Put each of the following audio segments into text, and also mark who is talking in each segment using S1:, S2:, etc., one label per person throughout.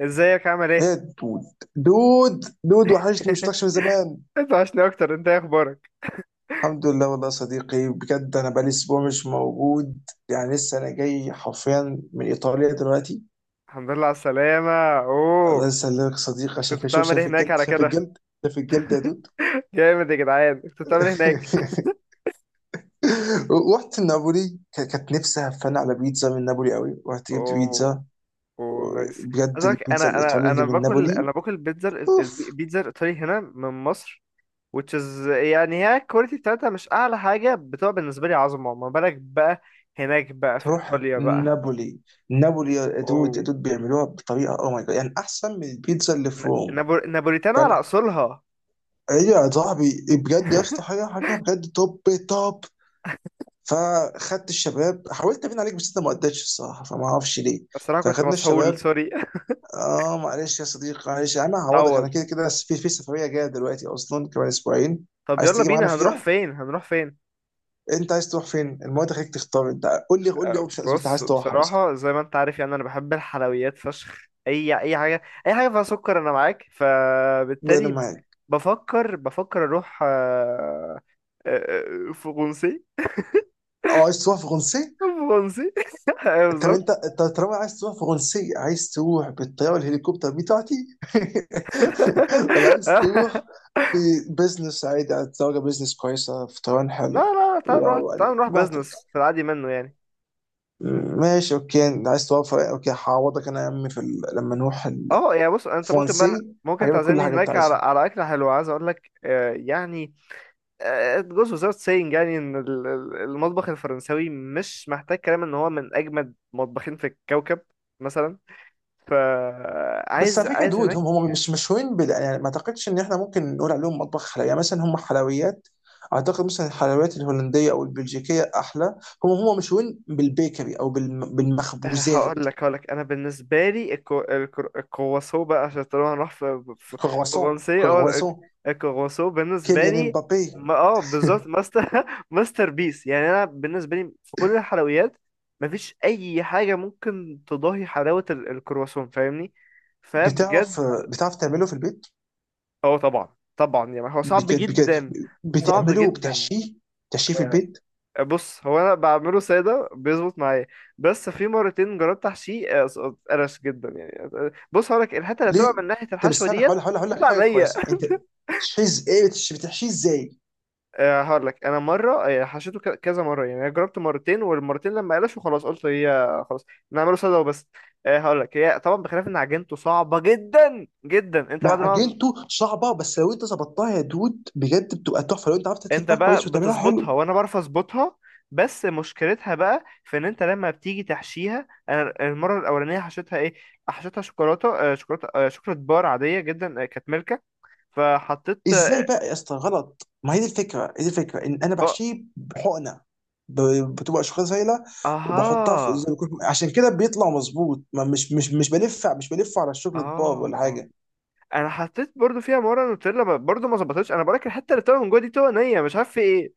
S1: ازيك عامل ايه؟
S2: ايه دود دود دود وحشني، مش شفتكش من زمان.
S1: انت عشنا اكتر، انت ايه اخبارك؟
S2: الحمد لله والله يا صديقي، بجد انا بقالي اسبوع مش موجود. يعني لسه انا جاي حرفيا من ايطاليا دلوقتي.
S1: الحمد لله على السلامة. اوه.
S2: الله يسلمك يا صديقي، عشان
S1: كنت
S2: كده شوف،
S1: بتعمل ايه
S2: شايف
S1: هناك
S2: الجلد،
S1: على
S2: شايف
S1: كده؟
S2: الجلد، شايف الجلد يا دود؟
S1: جامد يا جدعان، كنت بتعمل ايه هناك؟
S2: رحت نابولي، كانت نفسي هفان على بيتزا من نابولي قوي، رحت جبت
S1: اوه،
S2: بيتزا.
S1: اوه، نايس.
S2: بجد
S1: عايزك،
S2: البيتزا
S1: انا
S2: الايطالي
S1: انا
S2: اللي
S1: انا
S2: من
S1: باكل
S2: نابولي،
S1: انا باكل بيتزا.
S2: اوف.
S1: البيتزا الايطالي هنا من مصر which is، يعني هي الكواليتي بتاعتها مش اعلى حاجة، بتبقى بالنسبة لي عظمة، ما بالك بقى هناك بقى في
S2: تروح
S1: ايطاليا بقى.
S2: نابولي، نابولي يا دود، يا
S1: اوه.
S2: دود بيعملوها بطريقه او ماي جاد، يعني احسن من البيتزا اللي في روم.
S1: نابوليتانا على
S2: فانا،
S1: اصولها.
S2: هي يا صاحبي بجد يا اسطى حاجه، حاجه بجد توب، توب. فخدت الشباب، حاولت ابين عليك بس انت ما قدرتش الصراحه، فما اعرفش ليه.
S1: الصراحة كنت
S2: فخدنا
S1: مسحول،
S2: الشباب.
S1: سوري.
S2: اه معلش يا صديقي، معلش انا هعوضك، انا
S1: اتعوض.
S2: كده كده في سفريه جايه دلوقتي اصلا كمان اسبوعين.
S1: طب
S2: عايز
S1: يلا
S2: تيجي معانا
S1: بينا، هنروح
S2: فيها؟
S1: فين؟ هنروح فين؟
S2: انت عايز تروح فين؟ المواد خليك تختار انت، قول لي، قول لي اوبشنز انت
S1: بص،
S2: عايز تروحها مثلا.
S1: بصراحة زي ما انت عارف يعني انا بحب الحلويات فشخ، اي حاجة، اي حاجة فيها سكر انا معاك.
S2: انا
S1: فبالتالي
S2: معاك.
S1: بفكر اروح آه، فرنسي.
S2: اه عايز تروح فرنسا؟
S1: فرنسي. أيوة،
S2: طب
S1: بالظبط.
S2: انت طالما عايز تروح فرنسية، عايز تروح بالطيارة الهليكوبتر بتاعتي ولا عايز تروح ببزنس عادي على الطيارة؟ بزنس كويسة، فطران
S1: لا،
S2: حلو.
S1: لا، لا، تعال نروح،
S2: واو، عليك
S1: تعال نروح
S2: براحتك.
S1: بزنس في العادي منه يعني.
S2: ماشي اوكي، عايز توفر، اوكي هعوضك انا يا عمي في ال... لما نروح.
S1: اه، يعني بص، انت ممكن بقى،
S2: الفرنسي،
S1: ممكن
S2: هجيب لك كل
S1: تعزمني
S2: حاجة انت
S1: هناك على
S2: عايزها.
S1: على اكلة حلوة. عايز اقول لك يعني it goes without saying، يعني ان المطبخ الفرنساوي مش محتاج كلام، ان هو من اجمد مطبخين في الكوكب. مثلا.
S2: بس
S1: فعايز،
S2: على فكره
S1: عايز
S2: دود،
S1: هناك.
S2: هم مش مشهورين بال... يعني ما اعتقدش ان احنا ممكن نقول عليهم مطبخ حلويات يعني، مثلا هم حلويات. اعتقد مثلا الحلويات الهولنديه او البلجيكيه احلى. هم مشهورين بالبيكري او بالم... بالمخبوزات.
S1: هقول لك، انا بالنسبه لي الكرواسو بقى، عشان طالما هنروح في
S2: كرواسون،
S1: فرنسي. اه،
S2: كرواسون.
S1: الكرواسو بالنسبه
S2: كيليان
S1: لي،
S2: مبابي.
S1: ما، بالظبط، ماستر، ماستر بيس يعني. انا بالنسبه لي في كل الحلويات، مفيش اي حاجه ممكن تضاهي حلاوه الكرواسون، فاهمني؟
S2: بتعرف،
S1: فبجد.
S2: بتعرف تعمله في البيت؟
S1: اه، طبعا طبعا، يعني هو صعب
S2: بك... بك...
S1: جدا، صعب
S2: بتعمله
S1: جدا.
S2: وبتحشيه؟ بتحشيه في البيت؟
S1: بص، هو انا بعمله ساده بيظبط معايا، بس في مرتين جربت احشيه اتقرش جدا يعني. بص، هقولك الحته اللي
S2: ليه؟
S1: طلع من ناحيه
S2: طب
S1: الحشوه
S2: استنى، هقول
S1: ديت
S2: هقول هقول لك
S1: تطلع
S2: حاجه
S1: نية.
S2: كويسه انت. بتحشيه ايه، بتحشيه، بتحشيه ازاي؟
S1: هقولك، انا مره، حشيته كذا مره يعني. انا جربت مرتين، والمرتين لما قلش خلاص قلت هي خلاص، نعمله ساده وبس. هقولك، هي طبعا بخلاف ان عجينته صعبه جدا جدا، انت بعد
S2: مع
S1: ما،
S2: اجنته صعبه، بس لو انت ظبطتها يا دود بجد بتبقى تحفه، لو انت عرفت
S1: انت
S2: تلفها كويس
S1: بقى
S2: وتعملها
S1: بتظبطها،
S2: حلو.
S1: وانا بعرف اظبطها، بس مشكلتها بقى في ان انت لما بتيجي تحشيها. انا المره الاولانيه حشيتها ايه؟ حشيتها شوكولاته، شوكولاته، شوكولاته بار عاديه جدا، كانت ملكه. فحطيت.
S2: ازاي بقى يا اسطى غلط؟ ما هي دي الفكره، هي دي الفكره، ان انا
S1: اه،
S2: بحشيه بحقنه. بتبقى اشخاص سايله، وبحطها في زي
S1: اها.
S2: ما يكون، عشان كده بيطلع مظبوط، ما مش بلف، مش بلف على الشوكليت بار
S1: اه
S2: ولا حاجه.
S1: انا حطيت برضو فيها مره نوتيلا، برضو ما ظبطتش. انا بقولك الحته اللي طالعه من جوه دي طوع نيه، مش عارف في ايه.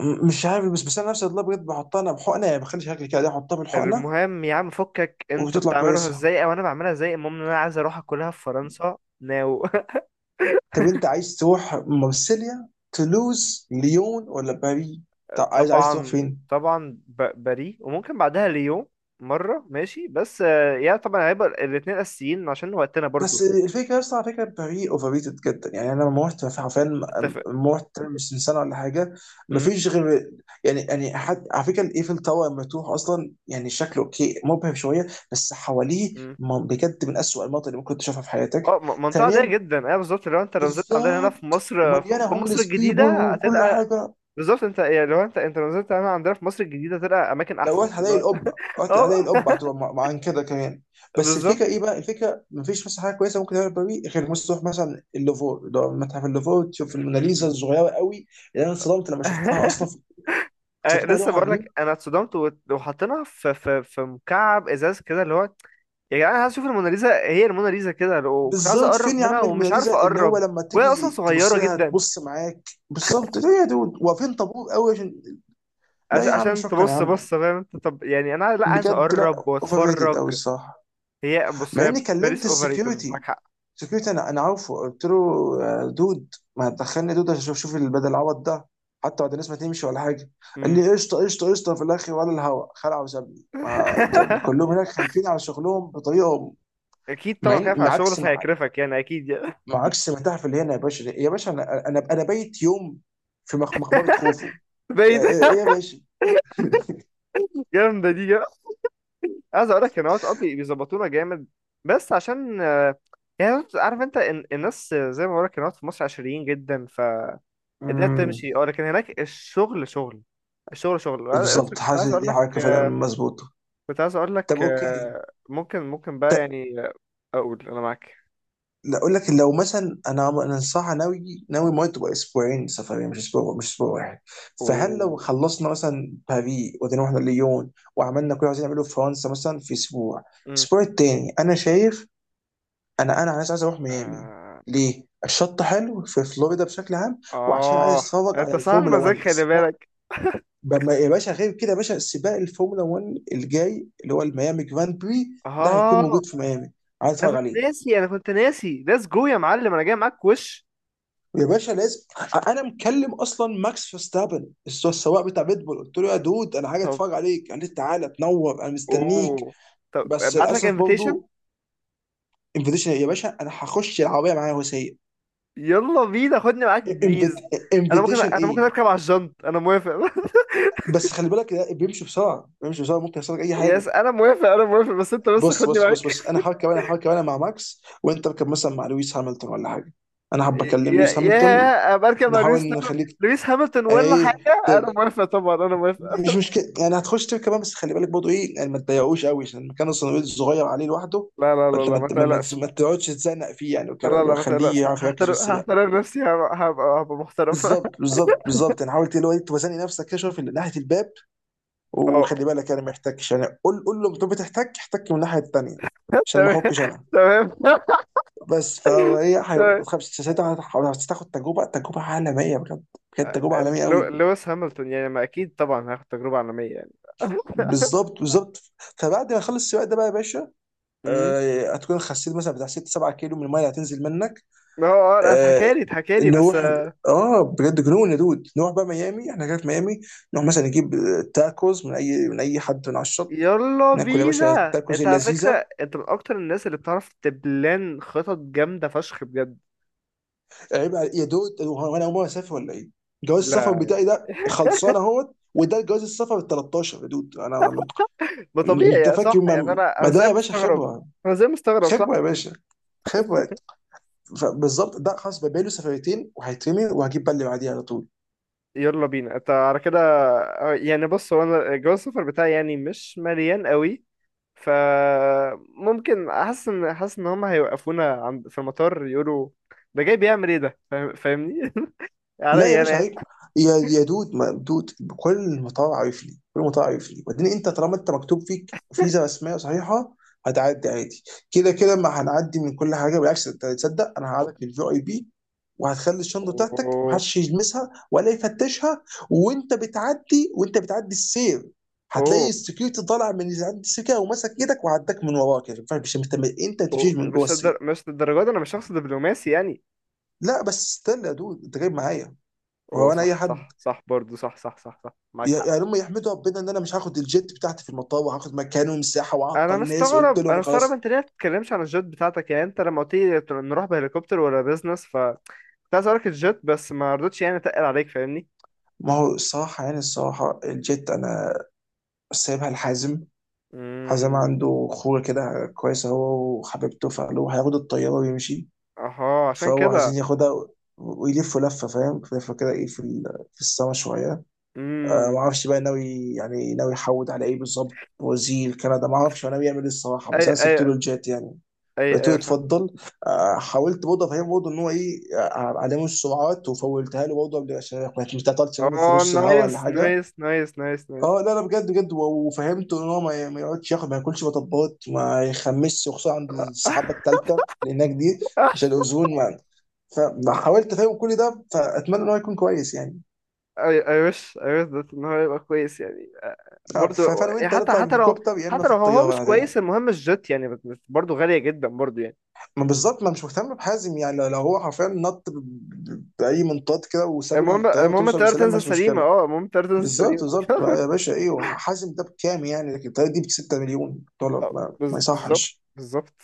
S2: مش عارف، بس بس انا نفسي والله بجد بحطها انا بحقنه يعني، بخلي شكل كده، احطها بالحقنه
S1: المهم يا عم فكك، انت
S2: وبتطلع
S1: بتعملها
S2: كويسه.
S1: ازاي او انا بعملها ازاي، المهم ان انا عايز اروح اكلها في فرنسا ناو.
S2: طب انت عايز تروح مارسيليا، تولوز، ليون، ولا باريس؟ طب عايز، تروح
S1: طبعا،
S2: فين؟
S1: طبعا، باريس، وممكن بعدها ليون. مرة ماشي، بس يعني طبعا هيبقى الاتنين أساسيين عشان وقتنا برضو.
S2: بس الفكره، بس على فكره باريس اوفر ريتد جدا. يعني انا لما رحت حرفيا،
S1: اتفق.
S2: لما رحت مش من سنه ولا حاجه، ما
S1: امم
S2: فيش غير يعني، يعني حد على فكره الايفل تاور، لما تروح اصلا يعني شكله اوكي، مبهر شويه، بس حواليه
S1: امم
S2: بجد من اسوء المناطق اللي ممكن تشوفها في حياتك.
S1: اه، منطقة ضيقة
S2: ثانيا،
S1: جدا، ايوه بالظبط. لو انت، لو نزلت عندنا هنا في
S2: بالظبط،
S1: مصر،
S2: ومليانه
S1: في مصر
S2: هوملس بيبول
S1: الجديدة
S2: وكل
S1: هتلقى.
S2: حاجه.
S1: بالظبط. انت يعني، لو انت لو نزلت هنا عندنا في مصر الجديدة هتلقى أماكن
S2: لو
S1: أحسن،
S2: رحت
S1: اللي
S2: هلاقي
S1: هو.
S2: القبه، رحت هلاقي
S1: اه،
S2: القبه هتبقى مع كده كمان. بس
S1: بالظبط.
S2: الفكره ايه بقى؟ الفكره مفيش مثلا حاجه كويسه ممكن تعمل باريس، غير مثلا تروح مثلا اللوفر، اللي هو متحف اللوفر،
S1: م-
S2: تشوف
S1: م-
S2: الموناليزا
S1: م.
S2: الصغيره قوي، اللي انا اتصدمت لما شفتها اصلا. كنت فاكرها
S1: لسه
S2: لوحه
S1: بقول
S2: كبيره
S1: لك، انا اتصدمت. وحطيناها في مكعب ازاز كده اللي هو. يا جدعان، انا عايز اشوف الموناليزا. هي الموناليزا كده، وكنت عايز
S2: بالظبط. فين
S1: اقرب
S2: يا
S1: منها
S2: عم
S1: ومش عارف
S2: الموناليزا؟ اللي هو
S1: اقرب،
S2: لما
S1: وهي اصلا
S2: تيجي تبص
S1: صغيره
S2: لها
S1: جدا.
S2: تبص معاك بالظبط. ليه يا دود واقفين طابور قوي عشان؟ لا يا عم،
S1: عشان
S2: شكرا يا
S1: تبص،
S2: عم،
S1: بص، فاهم انت؟ طب يعني انا لا، عايز
S2: بجد لا،
S1: اقرب
S2: اوفر ريتد قوي
S1: واتفرج.
S2: الصراحه.
S1: هي، بص،
S2: مع
S1: هي
S2: اني
S1: باريس
S2: كلمت
S1: اوفر ريتد، معاك
S2: السكيورتي،
S1: حق.
S2: سكيورتي، انا عارفه قلت له دود ما هتدخلني دود عشان اشوف، شوف بدل العوض ده، حتى بعد الناس ما تمشي ولا حاجه. قال
S1: مم.
S2: لي قشطه قشطه، قشطه في الاخر، ولا الهوا خلع وسابني. ما طب كلهم هناك خايفين على شغلهم بطريقه.
S1: اكيد
S2: مع
S1: طبعا،
S2: إن-
S1: خايف على
S2: مع
S1: شغله
S2: عكس مع,
S1: فهيكرفك يعني، اكيد يعني.
S2: مع عكس ما تعرف اللي هنا يا باشا، يا باشا انا بايت يوم في مقبره خوفو.
S1: بعيد.
S2: ايه يا باشا؟
S1: جامده دي. عايز اقول لك ان واتس اب بيظبطونا جامد، بس عشان يعني عارف انت الناس، زي ما بقول لك الناس في مصر عشريين جدا، فالدنيا
S2: امم،
S1: بتمشي، اه، لكن هناك الشغل شغل، الشغل شغل. وأنا لسه
S2: بالظبط،
S1: كنت عايز
S2: حاسس
S1: اقول
S2: دي
S1: لك،
S2: حركه فعلا مظبوطه. طب اوكي،
S1: ممكن، ممكن بقى يعني، اقول انا معاك.
S2: لا اقول لك، لو مثلا انا انا صح ناوي، ما تبقى اسبوعين سفريه مش اسبوع، مش اسبوع واحد. فهل لو
S1: اوه.
S2: خلصنا مثلا باريس ودينا واحنا ليون، وعملنا كل اللي عايزين نعمله في فرنسا مثلا في اسبوع،
S1: أمم.
S2: الاسبوع التاني انا شايف، انا عايز، اروح ميامي.
S1: اه.
S2: ليه؟ الشط حلو في فلوريدا بشكل عام، وعشان عايز
S1: آه.
S2: اتفرج على
S1: انت صاحب
S2: الفورمولا 1
S1: مزاج، خلي
S2: السباق.
S1: بالك.
S2: يا باشا غير كده، يا باشا سباق الفورمولا 1 الجاي اللي هو الميامي جراند بري، ده هيكون
S1: اه،
S2: موجود في ميامي، عايز اتفرج عليه.
S1: انا كنت ناسي. ليتس جو يا معلم، انا جاي معاك، وش؟
S2: يا باشا لازم، انا مكلم اصلا ماكس فيرستابن السواق بتاع ريد بول، قلت له يا دود انا حاجه
S1: طب،
S2: اتفرج عليك، قال لي تعالى تنور انا مستنيك.
S1: اوه، طب
S2: بس
S1: ابعت لك
S2: للاسف
S1: انفيتيشن.
S2: برضه انفيتيشن، يا باشا انا هخش العربيه معايا وسيء.
S1: يلا بينا، خدني معاك بليز.
S2: انفيتيشن
S1: انا ممكن
S2: ايه؟
S1: اركب على الجنط، انا موافق.
S2: بس خلي بالك ده بيمشي بسرعه، بيمشي بسرعه ممكن يحصل لك اي
S1: يس،
S2: حاجه.
S1: انا موافق، انا موافق، بس انت، بس
S2: بص
S1: خدني
S2: بص بص
S1: معاك.
S2: بص، انا هركب انا مع ماكس، وانت اركب مثلا مع لويس هامilton ولا حاجه. انا حابب اكلم لويس هامilton.
S1: يا بركب مع لويس.
S2: نحاول نخليك.
S1: لويس هامilton ولا
S2: ايه
S1: حاجه، انا
S2: ت-
S1: موافق طبعا، انا موافق.
S2: مش مشكلة يعني، هتخش تبكي كمان. بس خلي بالك برضه ايه يعني، ما تضايقوش قوي عشان المكان الصغير، الصغير عليه لوحده.
S1: لا، لا، لا،
S2: فانت
S1: لا، ما تقلقش.
S2: ما تقعدش تتزنق فيه يعني وكده،
S1: لا، لا،
S2: لو
S1: ما
S2: خليه
S1: تقلقش،
S2: يعرف يركز في السباق.
S1: هحترم نفسي، هبقى محترم.
S2: بالظبط، بالظبط، بالظبط، يعني حاول اللي هو توازني نفسك كده شويه في ناحيه الباب.
S1: اه،
S2: وخلي بالك يعني ما يحتكش، يعني قول، قول له انت بتحتك، احتك من الناحيه الثانيه، عشان ما
S1: تمام،
S2: احكش انا.
S1: تمام.
S2: بس فهو ايه،
S1: تمام.
S2: ما تخافش ساعتها، هتاخد تجربه، تجربه عالميه بجد، بجد تجربه عالميه قوي.
S1: لويس هامilton يعني، ما، اكيد طبعا هاخد تجربه عالميه يعني.
S2: بالظبط، بالظبط. فبعد ما اخلص السباق ده بقى يا باشا،
S1: أمم.
S2: هتكون خسيت مثلا بتاع 6 7 كيلو من الميه اللي هتنزل منك.
S1: اه. اه.
S2: آه،
S1: اتحكى لي بس
S2: نروح، اه بجد جنون يا دود، نروح بقى ميامي، احنا كده في ميامي، نروح مثلا نجيب تاكوز من اي، من اي حد من على الشط.
S1: يلا
S2: ناكل يا باشا
S1: بينا.
S2: التاكوز
S1: انت على فكرة
S2: اللذيذه.
S1: انت من اكتر الناس اللي بتعرف تبلان خطط جامدة فشخ بجد.
S2: عيب على، يا دود هو انا اول مره اسافر ولا ايه؟ جواز السفر
S1: لا،
S2: بتاعي ده خلصان اهوت، وده جواز السفر ال 13 يا دود. انا
S1: ما،
S2: انت
S1: طبيعي
S2: فاكر،
S1: صح يعني،
S2: ما
S1: انا
S2: ما
S1: انا
S2: ده
S1: زي
S2: يا باشا
S1: مستغرب.
S2: خبره،
S1: انا زي مستغرب، صح.
S2: خبره يا باشا، خبره. فبالظبط ده خلاص، بقى له سفريتين وهيترمي، وهجيب بقى اللي بعديه على طول.
S1: يلا بينا، انت على كده. يعني بص، هو انا جواز السفر بتاعي يعني مش مليان قوي، ف ممكن احس ان، حاسس ان هم هيوقفونا عند، في المطار يقولوا ده جاي بيعمل ايه ده، فاهمني؟
S2: لا يا
S1: عليا انا
S2: باشا
S1: يعني.
S2: عيب، يا دود، ما دود كل مطار عارف لي، كل مطار عارف لي. وبعدين انت طالما انت مكتوب فيك فيزا رسميه صحيحه، هتعدي عادي. كده كده ما هنعدي من كل حاجه، بالعكس انت تصدق انا هقعدك في الفي اي بي، وهتخلي الشنطه بتاعتك
S1: اوه،
S2: محدش يلمسها ولا يفتشها. وانت بتعدي السير، هتلاقي
S1: اوه.
S2: السكيورتي طالع من اللي عند السكه وماسك ايدك وعداك من وراه كده، مش انت ما تمشيش من جوه السير.
S1: مش للدرجه دي، انا مش شخص دبلوماسي يعني.
S2: لا بس استنى يا دود انت جايب معايا، وهو انا اي
S1: وصح،
S2: حد؟
S1: صح، صح، برضه صح، صح، صح، صح، معاك حق.
S2: يعني هم يحمدوا ربنا ان انا مش هاخد الجيت بتاعتي في المطار وهاخد مكانه مساحه واعطل الناس، قلت
S1: انا
S2: لهم
S1: مستغرب،
S2: خلاص.
S1: انت ليه ما تتكلمش عن الجيت بتاعتك؟ يعني انت لما قلت لي نروح بهليكوبتر ولا بيزنس، ف كنت عايز اقولك الجيت، بس ما رضيتش يعني، اتقل عليك، فاهمني؟
S2: ما هو الصراحه يعني، الصراحه الجيت انا سايبها لحازم. حازم
S1: امم.
S2: عنده خوره كده كويسه هو وحبيبته، فقالوا هياخد الطياره ويمشي.
S1: اها. عشان
S2: فهو
S1: كده.
S2: عايزين ياخدها، ويلفوا لفه، فاهم لفه كده، ايه في ال... في السما شويه. آه ما
S1: امم.
S2: اعرفش بقى ناوي يعني، ناوي يحود على ايه بالظبط، وزير كندا ما اعرفش هو ناوي يعمل ايه الصراحه،
S1: اي،
S2: بس انا
S1: اي.
S2: سبت له الجيت يعني.
S1: اي،
S2: قلت له
S1: اي، فاهم.
S2: اتفضل. حاولت برضه افهمه برضه ان هو ايه، علامه السرعات وفولتها له برضه عشان ما تعطلش منه في
S1: اه،
S2: نص الهواء
S1: نايس،
S2: ولا حاجه.
S1: نايس، نايس، نايس، نايس.
S2: اه لا لا بجد بجد، وفهمته ان هو ما ما يقعدش ياخد، ما ياكلش مطبات، ما يخمسش، وخصوصا عند السحابه الثالثه لانها جديد عشان الاوزون ما. فحاولت افهمه كل ده، فاتمنى ان هو يكون كويس يعني.
S1: اي، اي، وش، اي وش ده ان هو يبقى كويس يعني،
S2: اه،
S1: برضو.
S2: فانا
S1: يعني
S2: وانت
S1: حتى
S2: نطلع
S1: حتى لو
S2: بالهليكوبتر يا اما
S1: حتى
S2: في
S1: لو هو
S2: الطياره
S1: مش
S2: العاديه.
S1: كويس، المهم الجت يعني، برضو غالية جدا برضو يعني.
S2: ما بالظبط، ما مش مهتم بحازم يعني، لو لو هو حرفيا نط باي منطاد كده وساب الطياره،
S1: المهم
S2: توصل
S1: الطيارة
S2: بسلام
S1: تنزل
S2: ماشي
S1: سليمة،
S2: مشكله.
S1: اه، المهم الطيارة تنزل
S2: بالظبط،
S1: سليمة.
S2: بالظبط يا باشا. ايه حازم ده بكام يعني، لكن الطياره دي ب 6 مليون دولار ما
S1: بالظبط،
S2: يصحش.
S1: بالظبط.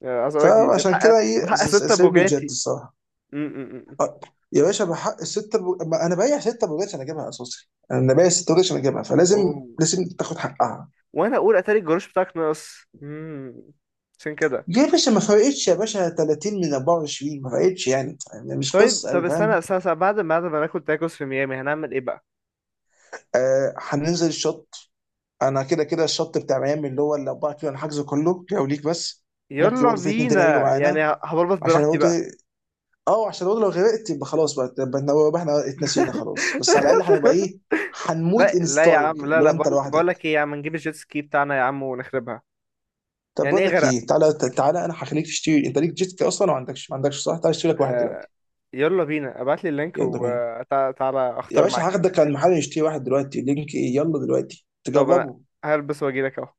S1: يعني عايز اقول لك دي
S2: فعشان
S1: بحق،
S2: كده ايه،
S1: بحق ستة
S2: سايب له الجت
S1: بوجاتي.
S2: الصراحه.
S1: م- م- م- م.
S2: آه، يا باشا بحق الستة ما انا بايع ستة بوجات عشان اجيبها اساسي، انا بايع ستة بوجات عشان اجيبها، فلازم،
S1: اوه.
S2: لازم تاخد حقها.
S1: وانا اقول اتاري الجروش بتاعك ناقص. مم. عشان كده.
S2: ليه يا باشا ما فرقتش؟ يا باشا 30 من 24 ما فرقتش يعني، يعني مش
S1: طيب،
S2: قصه
S1: طب،
S2: أوي، فاهم.
S1: استنى، استنى، استنى، بعد ما ناكل تاكوس في ميامي هنعمل ايه بقى؟
S2: آه هننزل الشط، انا كده كده الشط بتاع ميامي اللي هو الاربعه كيلو انا حاجزه كله لو ليك بس. ممكن
S1: يلا
S2: برضه في اتنين تاني هيجوا
S1: بينا، يعني
S2: معانا،
S1: هبلبط
S2: عشان
S1: براحتي
S2: برضه
S1: بقى.
S2: اه عشان برضه لو غرقت يبقى خلاص بقى، يبقى يبقى احنا اتنسينا خلاص، بس على الاقل هنبقى ايه، هنموت
S1: لا،
S2: ان
S1: لا يا عم،
S2: ستايل.
S1: لا،
S2: لو
S1: لا،
S2: انت
S1: بقول
S2: لوحدك،
S1: لك ايه يا عم، نجيب الجيت سكي بتاعنا يا عم ونخربها.
S2: طب
S1: يعني
S2: بقول
S1: ايه
S2: لك
S1: غرق؟
S2: ايه، تعالى انا هخليك تشتري، انت ليك جيت كي اصلا، ولا ما عندكش، ما عندكش صح؟ تعالى اشتري لك واحد
S1: آه،
S2: دلوقتي.
S1: يلا بينا، ابعت لي اللينك
S2: يلا بينا،
S1: وتعالى
S2: يا
S1: اختار
S2: باشا
S1: معاك.
S2: هاخدك على المحل نشتري واحد دلوقتي، لينك ايه، يلا دلوقتي
S1: طب انا
S2: تجربه.
S1: هلبس واجي لك اهو.